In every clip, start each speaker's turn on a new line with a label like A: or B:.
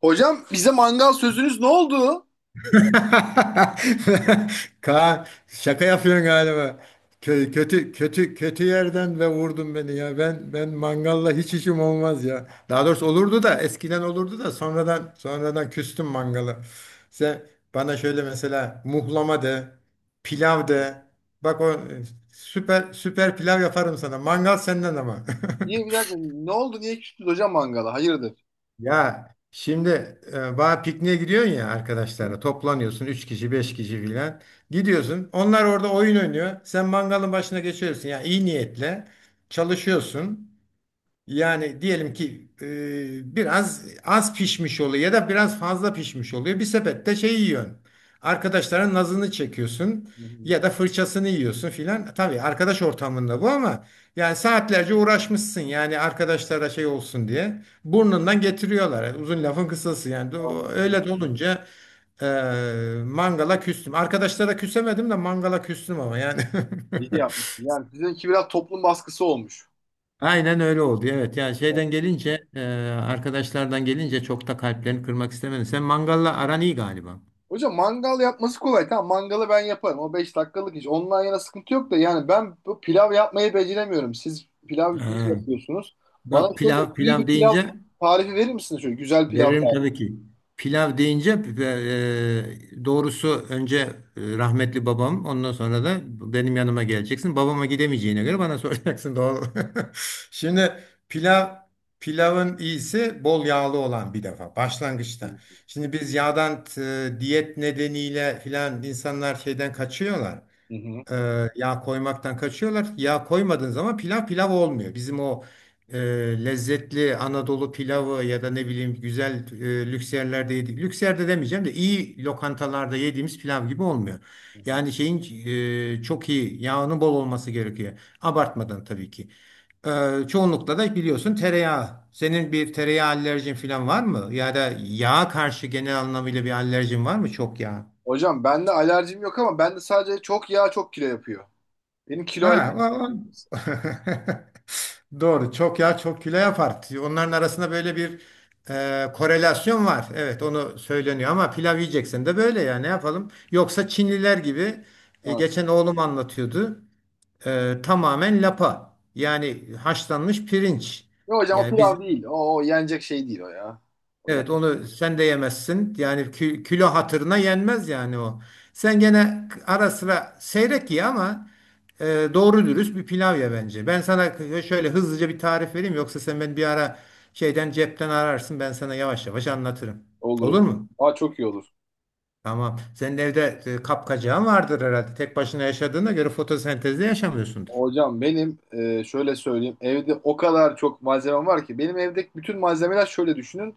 A: Hocam bize mangal sözünüz ne oldu?
B: Kaan, şaka yapıyorsun galiba. Kötü kötü kötü yerden ve vurdun beni ya. Ben mangalla hiç işim olmaz ya. Daha doğrusu olurdu da, eskiden olurdu da sonradan küstüm mangala. Sen bana şöyle mesela muhlama de, pilav de. Bak o süper süper pilav yaparım sana. Mangal senden ama.
A: Niye bir dakika ne oldu niye küstünüz hocam mangala? Hayırdır?
B: Ya şimdi bağ pikniğe gidiyorsun, ya
A: Hı?
B: arkadaşlarla toplanıyorsun, 3 kişi 5 kişi filan gidiyorsun, onlar orada oyun oynuyor, sen mangalın başına geçiyorsun ya, iyi niyetle çalışıyorsun, yani diyelim ki biraz az pişmiş oluyor ya da biraz fazla pişmiş oluyor. Bir sepette şey yiyorsun. Arkadaşların nazını çekiyorsun
A: Hı hı.
B: ya da fırçasını yiyorsun filan. Tabii arkadaş ortamında bu, ama yani saatlerce uğraşmışsın, yani arkadaşlara şey olsun diye. Burnundan getiriyorlar. Yani uzun lafın kısası yani.
A: Anladım.
B: Öyle de olunca e, mangala küstüm. Arkadaşlara küsemedim de mangala küstüm, ama yani.
A: İyi yapmışsın. Yani sizinki biraz toplum baskısı olmuş.
B: Aynen öyle oldu. Evet. Ya
A: Evet.
B: şeyden gelince arkadaşlardan gelince, çok da kalplerini kırmak istemedim. Sen mangalla aran iyi galiba.
A: Hocam mangal yapması kolay. Tamam, mangalı ben yaparım. O 5 dakikalık iş. Ondan yana sıkıntı yok da yani ben bu pilav yapmayı beceremiyorum. Siz pilav iyi
B: Ee,
A: yapıyorsunuz. Bana
B: bak,
A: şöyle
B: pilav
A: iyi bir
B: pilav
A: pilav
B: deyince.
A: tarifi verir misiniz? Şöyle güzel pilav
B: Veririm
A: tarifi.
B: tabii ki. Pilav deyince e, doğrusu önce rahmetli babam, ondan sonra da benim yanıma geleceksin. Babama gidemeyeceğine göre bana soracaksın, doğru. Şimdi pilav, pilavın iyisi bol yağlı olan bir defa, başlangıçta. Şimdi biz yağdan diyet nedeniyle filan, insanlar şeyden kaçıyorlar
A: Hı hı.
B: e, yağ koymaktan kaçıyorlar. Yağ koymadığın zaman pilav pilav olmuyor. Bizim o e, lezzetli Anadolu pilavı ya da ne bileyim güzel, lüks yerlerde yediğimiz, lüks yerde demeyeceğim de, iyi lokantalarda yediğimiz pilav gibi olmuyor.
A: Hı hı.
B: Yani şeyin çok iyi yağının bol olması gerekiyor. Abartmadan tabii ki. Çoğunlukla da biliyorsun, tereyağı. Senin bir tereyağı alerjin falan var mı? Ya da yağa karşı genel anlamıyla bir alerjin var mı? Çok yağ.
A: Hocam bende alerjim yok ama bende sadece çok yağ çok kilo yapıyor. Benim kilo
B: Ha,
A: alerjim.
B: doğru. Çok yağ çok kilo yapar. Onların arasında böyle bir korelasyon var. Evet, onu söyleniyor, ama pilav yiyeceksen de böyle, ya ne yapalım? Yoksa Çinliler gibi, geçen oğlum anlatıyordu. Tamamen lapa. Yani haşlanmış pirinç.
A: Yok hocam o
B: Yani biz.
A: pilav değil. O yenecek şey değil o ya. O ya
B: Evet, onu sen de yemezsin. Yani kilo hatırına yenmez yani o. Sen gene ara sıra seyrek ye, ama e, doğru dürüst bir pilav ye bence. Ben sana şöyle hızlıca bir tarif vereyim, yoksa sen beni bir ara şeyden cepten ararsın, ben sana yavaş yavaş anlatırım.
A: olur. Olur.
B: Olur mu?
A: Aa, çok iyi olur.
B: Tamam. Senin evde kapkacağın vardır herhalde. Tek başına yaşadığına göre fotosentezle yaşamıyorsundur.
A: Hocam benim şöyle söyleyeyim. Evde o kadar çok malzemem var ki. Benim evdeki bütün malzemeler şöyle düşünün.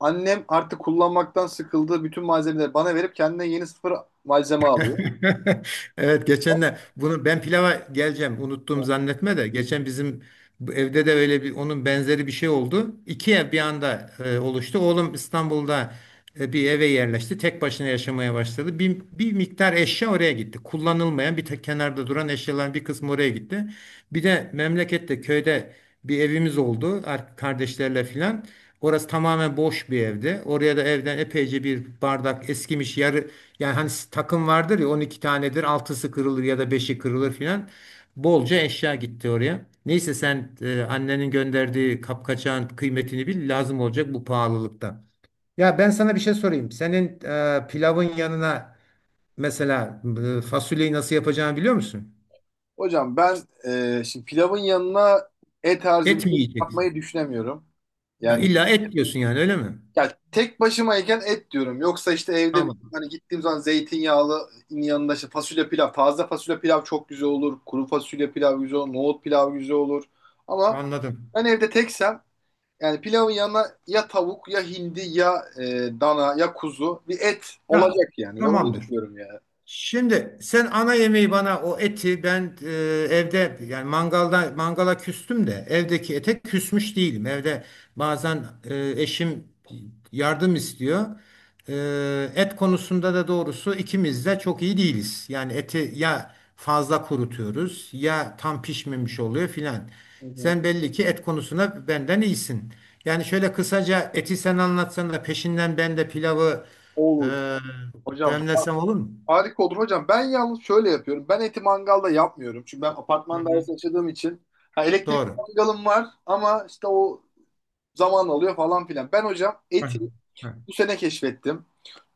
A: Annem artık kullanmaktan sıkıldığı bütün malzemeleri bana verip kendine yeni sıfır malzeme alıyor.
B: Evet, geçen de bunu, ben pilava geleceğim unuttum zannetme de, geçen bizim bu evde de öyle bir, onun benzeri bir şey oldu. İki ev bir anda oluştu. Oğlum İstanbul'da bir eve yerleşti. Tek başına yaşamaya başladı. Bir miktar eşya oraya gitti. Kullanılmayan, bir tek kenarda duran eşyaların bir kısmı oraya gitti. Bir de memlekette, köyde bir evimiz oldu kardeşlerle filan. Orası tamamen boş bir evdi. Oraya da evden epeyce bir bardak, eskimiş yarı, yani hani takım vardır ya, 12 tanedir, altısı kırılır ya da beşi kırılır filan. Bolca eşya gitti oraya. Neyse, sen annenin gönderdiği kapkaçağın kıymetini bil, lazım olacak bu pahalılıkta. Ya ben sana bir şey sorayım. Senin pilavın yanına mesela, fasulyeyi nasıl yapacağını biliyor musun?
A: Hocam ben şimdi pilavın yanına et
B: Et
A: tarzı bir
B: mi
A: şey
B: yiyeceksin?
A: yapmayı düşünemiyorum.
B: Ya
A: Yani,
B: illa et diyorsun yani, öyle mi?
A: ya tek başımayken et diyorum. Yoksa işte evde
B: Tamam.
A: hani gittiğim zaman zeytinyağlı yanında işte fasulye pilav. Taze fasulye pilav çok güzel olur. Kuru fasulye pilav güzel olur. Nohut pilav güzel olur. Ama
B: Anladım.
A: ben evde teksem yani pilavın yanına ya tavuk ya hindi ya dana ya kuzu bir et
B: Ya
A: olacak yani. Ve onu
B: tamamdır.
A: istiyorum yani.
B: Şimdi sen ana yemeği, bana o eti ben, evde, yani mangalda, mangala küstüm de evdeki ete küsmüş değilim. Evde bazen eşim yardım istiyor. E, Et konusunda da doğrusu ikimiz de çok iyi değiliz. Yani eti ya fazla kurutuyoruz, ya tam pişmemiş oluyor filan.
A: Hı hı.
B: Sen belli ki et konusunda benden iyisin. Yani şöyle kısaca eti sen anlatsan da, peşinden ben de pilavı
A: Olur.
B: e,
A: Hocam
B: demlesem olur mu?
A: harika olur hocam. Ben yalnız şöyle yapıyorum. Ben eti mangalda yapmıyorum. Çünkü ben
B: Hı
A: apartman
B: hı.
A: dairesi yaşadığım için ha, elektrik
B: Doğru.
A: mangalım var ama işte o zaman alıyor falan filan. Ben hocam
B: Heh,
A: eti
B: heh.
A: bu sene keşfettim.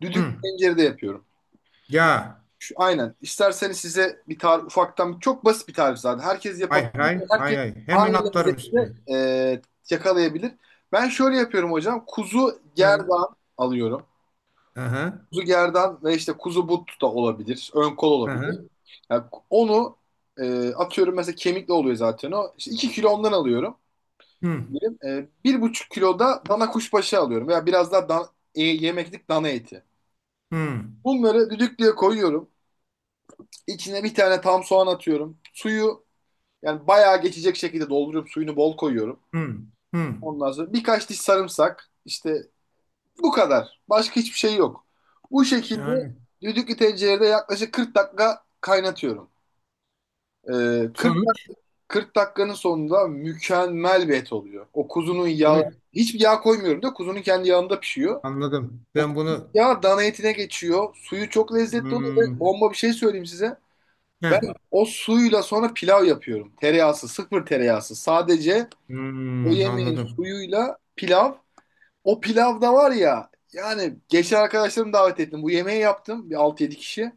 A: Düdüklü
B: Hı.
A: tencerede yapıyorum.
B: Ya.
A: Şu, aynen. İsterseniz size bir tarif ufaktan çok basit bir tarif zaten. Herkes
B: Hay
A: yapabilir.
B: hay hay
A: Herkes
B: hay. Hemen
A: aynı
B: atlarım
A: lezzetini
B: üstüne.
A: yakalayabilir. Ben şöyle yapıyorum hocam. Kuzu
B: Hı.
A: gerdan alıyorum.
B: Aha.
A: Kuzu gerdan ve işte kuzu but da olabilir. Ön kol olabilir.
B: Aha.
A: Yani onu atıyorum, mesela kemikli oluyor zaten o. İşte 2 kilo ondan alıyorum.
B: Hı.
A: Benim, 1,5 kiloda dana kuşbaşı alıyorum veya biraz daha yemeklik dana eti.
B: Hı.
A: Bunları düdüklüye koyuyorum. İçine bir tane tam soğan atıyorum. Suyu yani bayağı geçecek şekilde dolduruyorum. Suyunu bol koyuyorum.
B: Hı. Hı.
A: Ondan sonra birkaç diş sarımsak. İşte bu kadar. Başka hiçbir şey yok. Bu şekilde
B: Şahane.
A: düdüklü tencerede yaklaşık 40 dakika kaynatıyorum. E, 40,
B: Sonuç
A: dak- 40 dakikanın sonunda mükemmel bir et oluyor. O kuzunun yağı,
B: bunu
A: hiçbir yağ koymuyorum da kuzunun kendi yağında pişiyor.
B: anladım.
A: O
B: Ben bunu
A: ya dana etine geçiyor. Suyu çok lezzetli oluyor. Ve
B: hmm,
A: bomba bir şey söyleyeyim size. Ben
B: heh,
A: o suyla sonra pilav yapıyorum. Tereyağısı, sıfır tereyağısı. Sadece o yemeğin
B: anladım.
A: suyuyla pilav. O pilavda var ya. Yani geçen arkadaşlarımı davet ettim. Bu yemeği yaptım. Bir 6-7 kişi.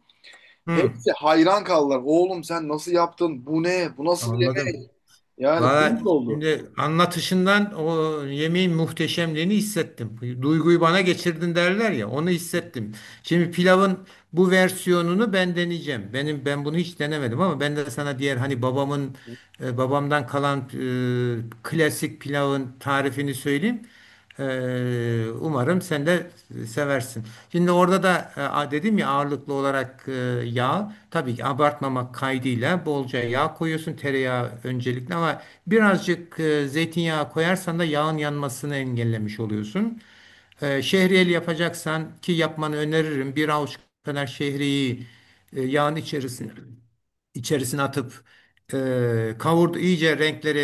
B: Hı.
A: Hepsi hayran kaldılar. Oğlum, sen nasıl yaptın? Bu ne? Bu nasıl bir yemek?
B: Anladım.
A: Yani
B: Valla,
A: kuyruk oldu.
B: şimdi anlatışından o yemeğin muhteşemliğini hissettim. Duyguyu bana geçirdin derler ya, onu hissettim. Şimdi pilavın bu versiyonunu ben deneyeceğim. Benim, ben bunu hiç denemedim, ama ben de sana diğer, hani babamın, babamdan kalan klasik pilavın tarifini söyleyeyim. Umarım sen de seversin. Şimdi orada da dedim ya, ağırlıklı olarak yağ. Tabii ki abartmamak kaydıyla bolca yağ koyuyorsun. Tereyağı öncelikle, ama birazcık zeytinyağı koyarsan da yağın yanmasını engellemiş oluyorsun. Şehriyeli yapacaksan, ki yapmanı öneririm, bir avuç kadar şehriyi yağın içerisine atıp, kavurdu, iyice renkleri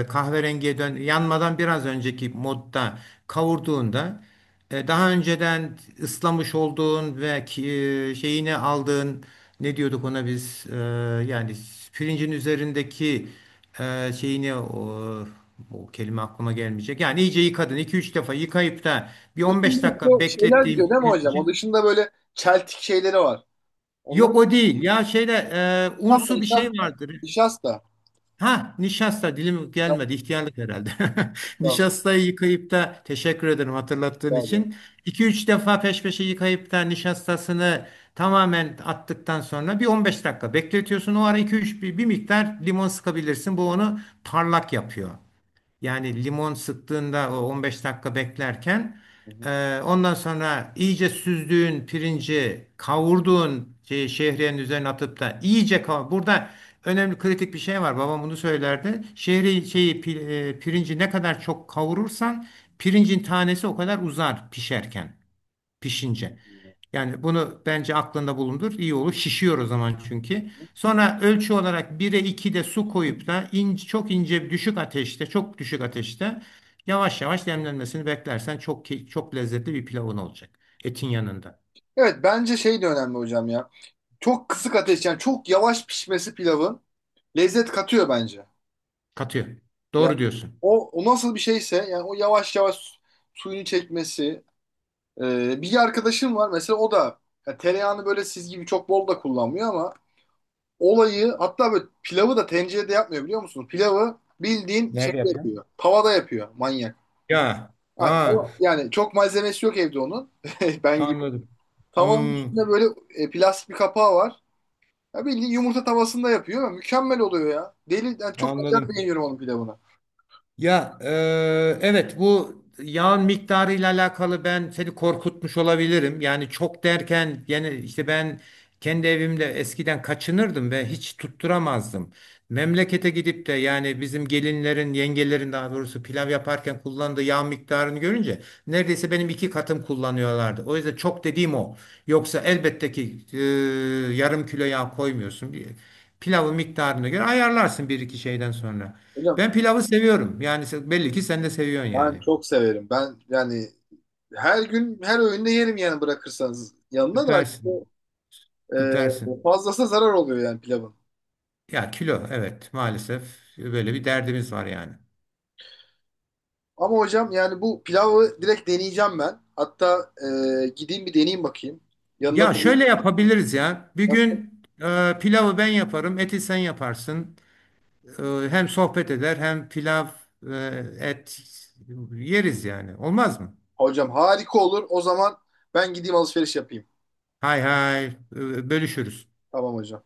B: kahverengiye dön, yanmadan biraz önceki modda kavurduğunda, daha önceden ıslamış olduğun ve şeyini aldığın, ne diyorduk ona biz, yani pirincin üzerindeki şeyini, o, o kelime aklıma gelmeyecek. Yani iyice yıkadın, iki üç defa yıkayıp da bir 15
A: Bütün
B: dakika
A: bu şeyler gidiyor
B: beklettiğim
A: değil mi hocam? O
B: pirinci.
A: dışında böyle çeltik şeyleri var. Onları
B: Yok, o değil. Ya şeyde unsu bir şey
A: nişasta,
B: vardır.
A: nişasta,
B: Ha, nişasta dilim gelmedi, ihtiyarlık herhalde.
A: nişasta.
B: Nişastayı yıkayıp da, teşekkür ederim hatırlattığın
A: Daha da.
B: için. İki üç defa peş peşe yıkayıp da nişastasını tamamen attıktan sonra bir 15 dakika bekletiyorsun. O ara iki üç bir miktar limon sıkabilirsin. Bu onu parlak yapıyor. Yani limon sıktığında, o 15 dakika beklerken,
A: Hı hı.
B: ondan sonra iyice süzdüğün pirinci, kavurduğun şey, şehriyenin üzerine atıp da iyice kavur. Burada önemli, kritik bir şey var. Babam bunu söylerdi. Şehri şeyi pi- e, Pirinci ne kadar çok kavurursan, pirincin tanesi o kadar uzar, pişerken, pişince. Yani bunu bence aklında bulundur. İyi olur. Şişiyor o zaman çünkü. Sonra ölçü olarak 1'e 2 de su koyup da, çok ince düşük ateşte, çok düşük ateşte yavaş yavaş demlenmesini beklersen, çok çok lezzetli bir pilavın olacak. Etin yanında.
A: Evet, bence şey de önemli hocam ya. Çok kısık ateş yani çok yavaş pişmesi pilavın lezzet katıyor bence.
B: Katıyor.
A: Yani
B: Doğru diyorsun.
A: o nasıl bir şeyse yani o yavaş yavaş suyunu çekmesi. Bir arkadaşım var mesela o da ya tereyağını böyle siz gibi çok bol da kullanmıyor ama olayı hatta böyle pilavı da tencerede yapmıyor biliyor musunuz? Pilavı bildiğin
B: Nerede
A: şeyde
B: yapıyorsun?
A: yapıyor. Tavada yapıyor manyak.
B: Ya,
A: Ha,
B: ha,
A: yani çok malzemesi yok evde onun. Ben gibi.
B: anladım.
A: Tavanın
B: Hmm,
A: üstünde böyle plastik bir kapağı var. Ya bildiğin yumurta tavasında yapıyor. Mükemmel oluyor ya. Deli, yani çok acayip
B: Anladım.
A: beğeniyorum onun pilavını.
B: Ya evet, bu yağın miktarıyla alakalı ben seni korkutmuş olabilirim. Yani çok derken, yani işte ben kendi evimde eskiden kaçınırdım ve hiç tutturamazdım. Memlekete gidip de, yani bizim gelinlerin, yengelerin daha doğrusu pilav yaparken kullandığı yağ miktarını görünce, neredeyse benim iki katım kullanıyorlardı. O yüzden çok dediğim o. Yoksa elbette ki yarım kilo yağ koymuyorsun. Pilavın miktarına göre ayarlarsın bir iki şeyden sonra.
A: Hocam
B: Ben pilavı seviyorum. Yani sen, belli ki sen de seviyorsun
A: ben
B: yani.
A: çok severim. Ben yani her gün her öğünde yerim yani bırakırsanız. Yanına da işte,
B: Süpersin. Süpersin.
A: fazlası zarar oluyor yani pilavın.
B: Ya kilo, evet maalesef böyle bir derdimiz var yani.
A: Ama hocam yani bu pilavı direkt deneyeceğim ben. Hatta gideyim bir deneyeyim bakayım. Yanına
B: Ya
A: da
B: şöyle yapabiliriz ya. Bir
A: nasıl?
B: gün pilavı ben yaparım, eti sen yaparsın. E, Hem sohbet eder, hem pilav, e, et yeriz yani. Olmaz mı?
A: Hocam harika olur. O zaman ben gideyim alışveriş yapayım.
B: Hay hay, bölüşürüz.
A: Tamam hocam.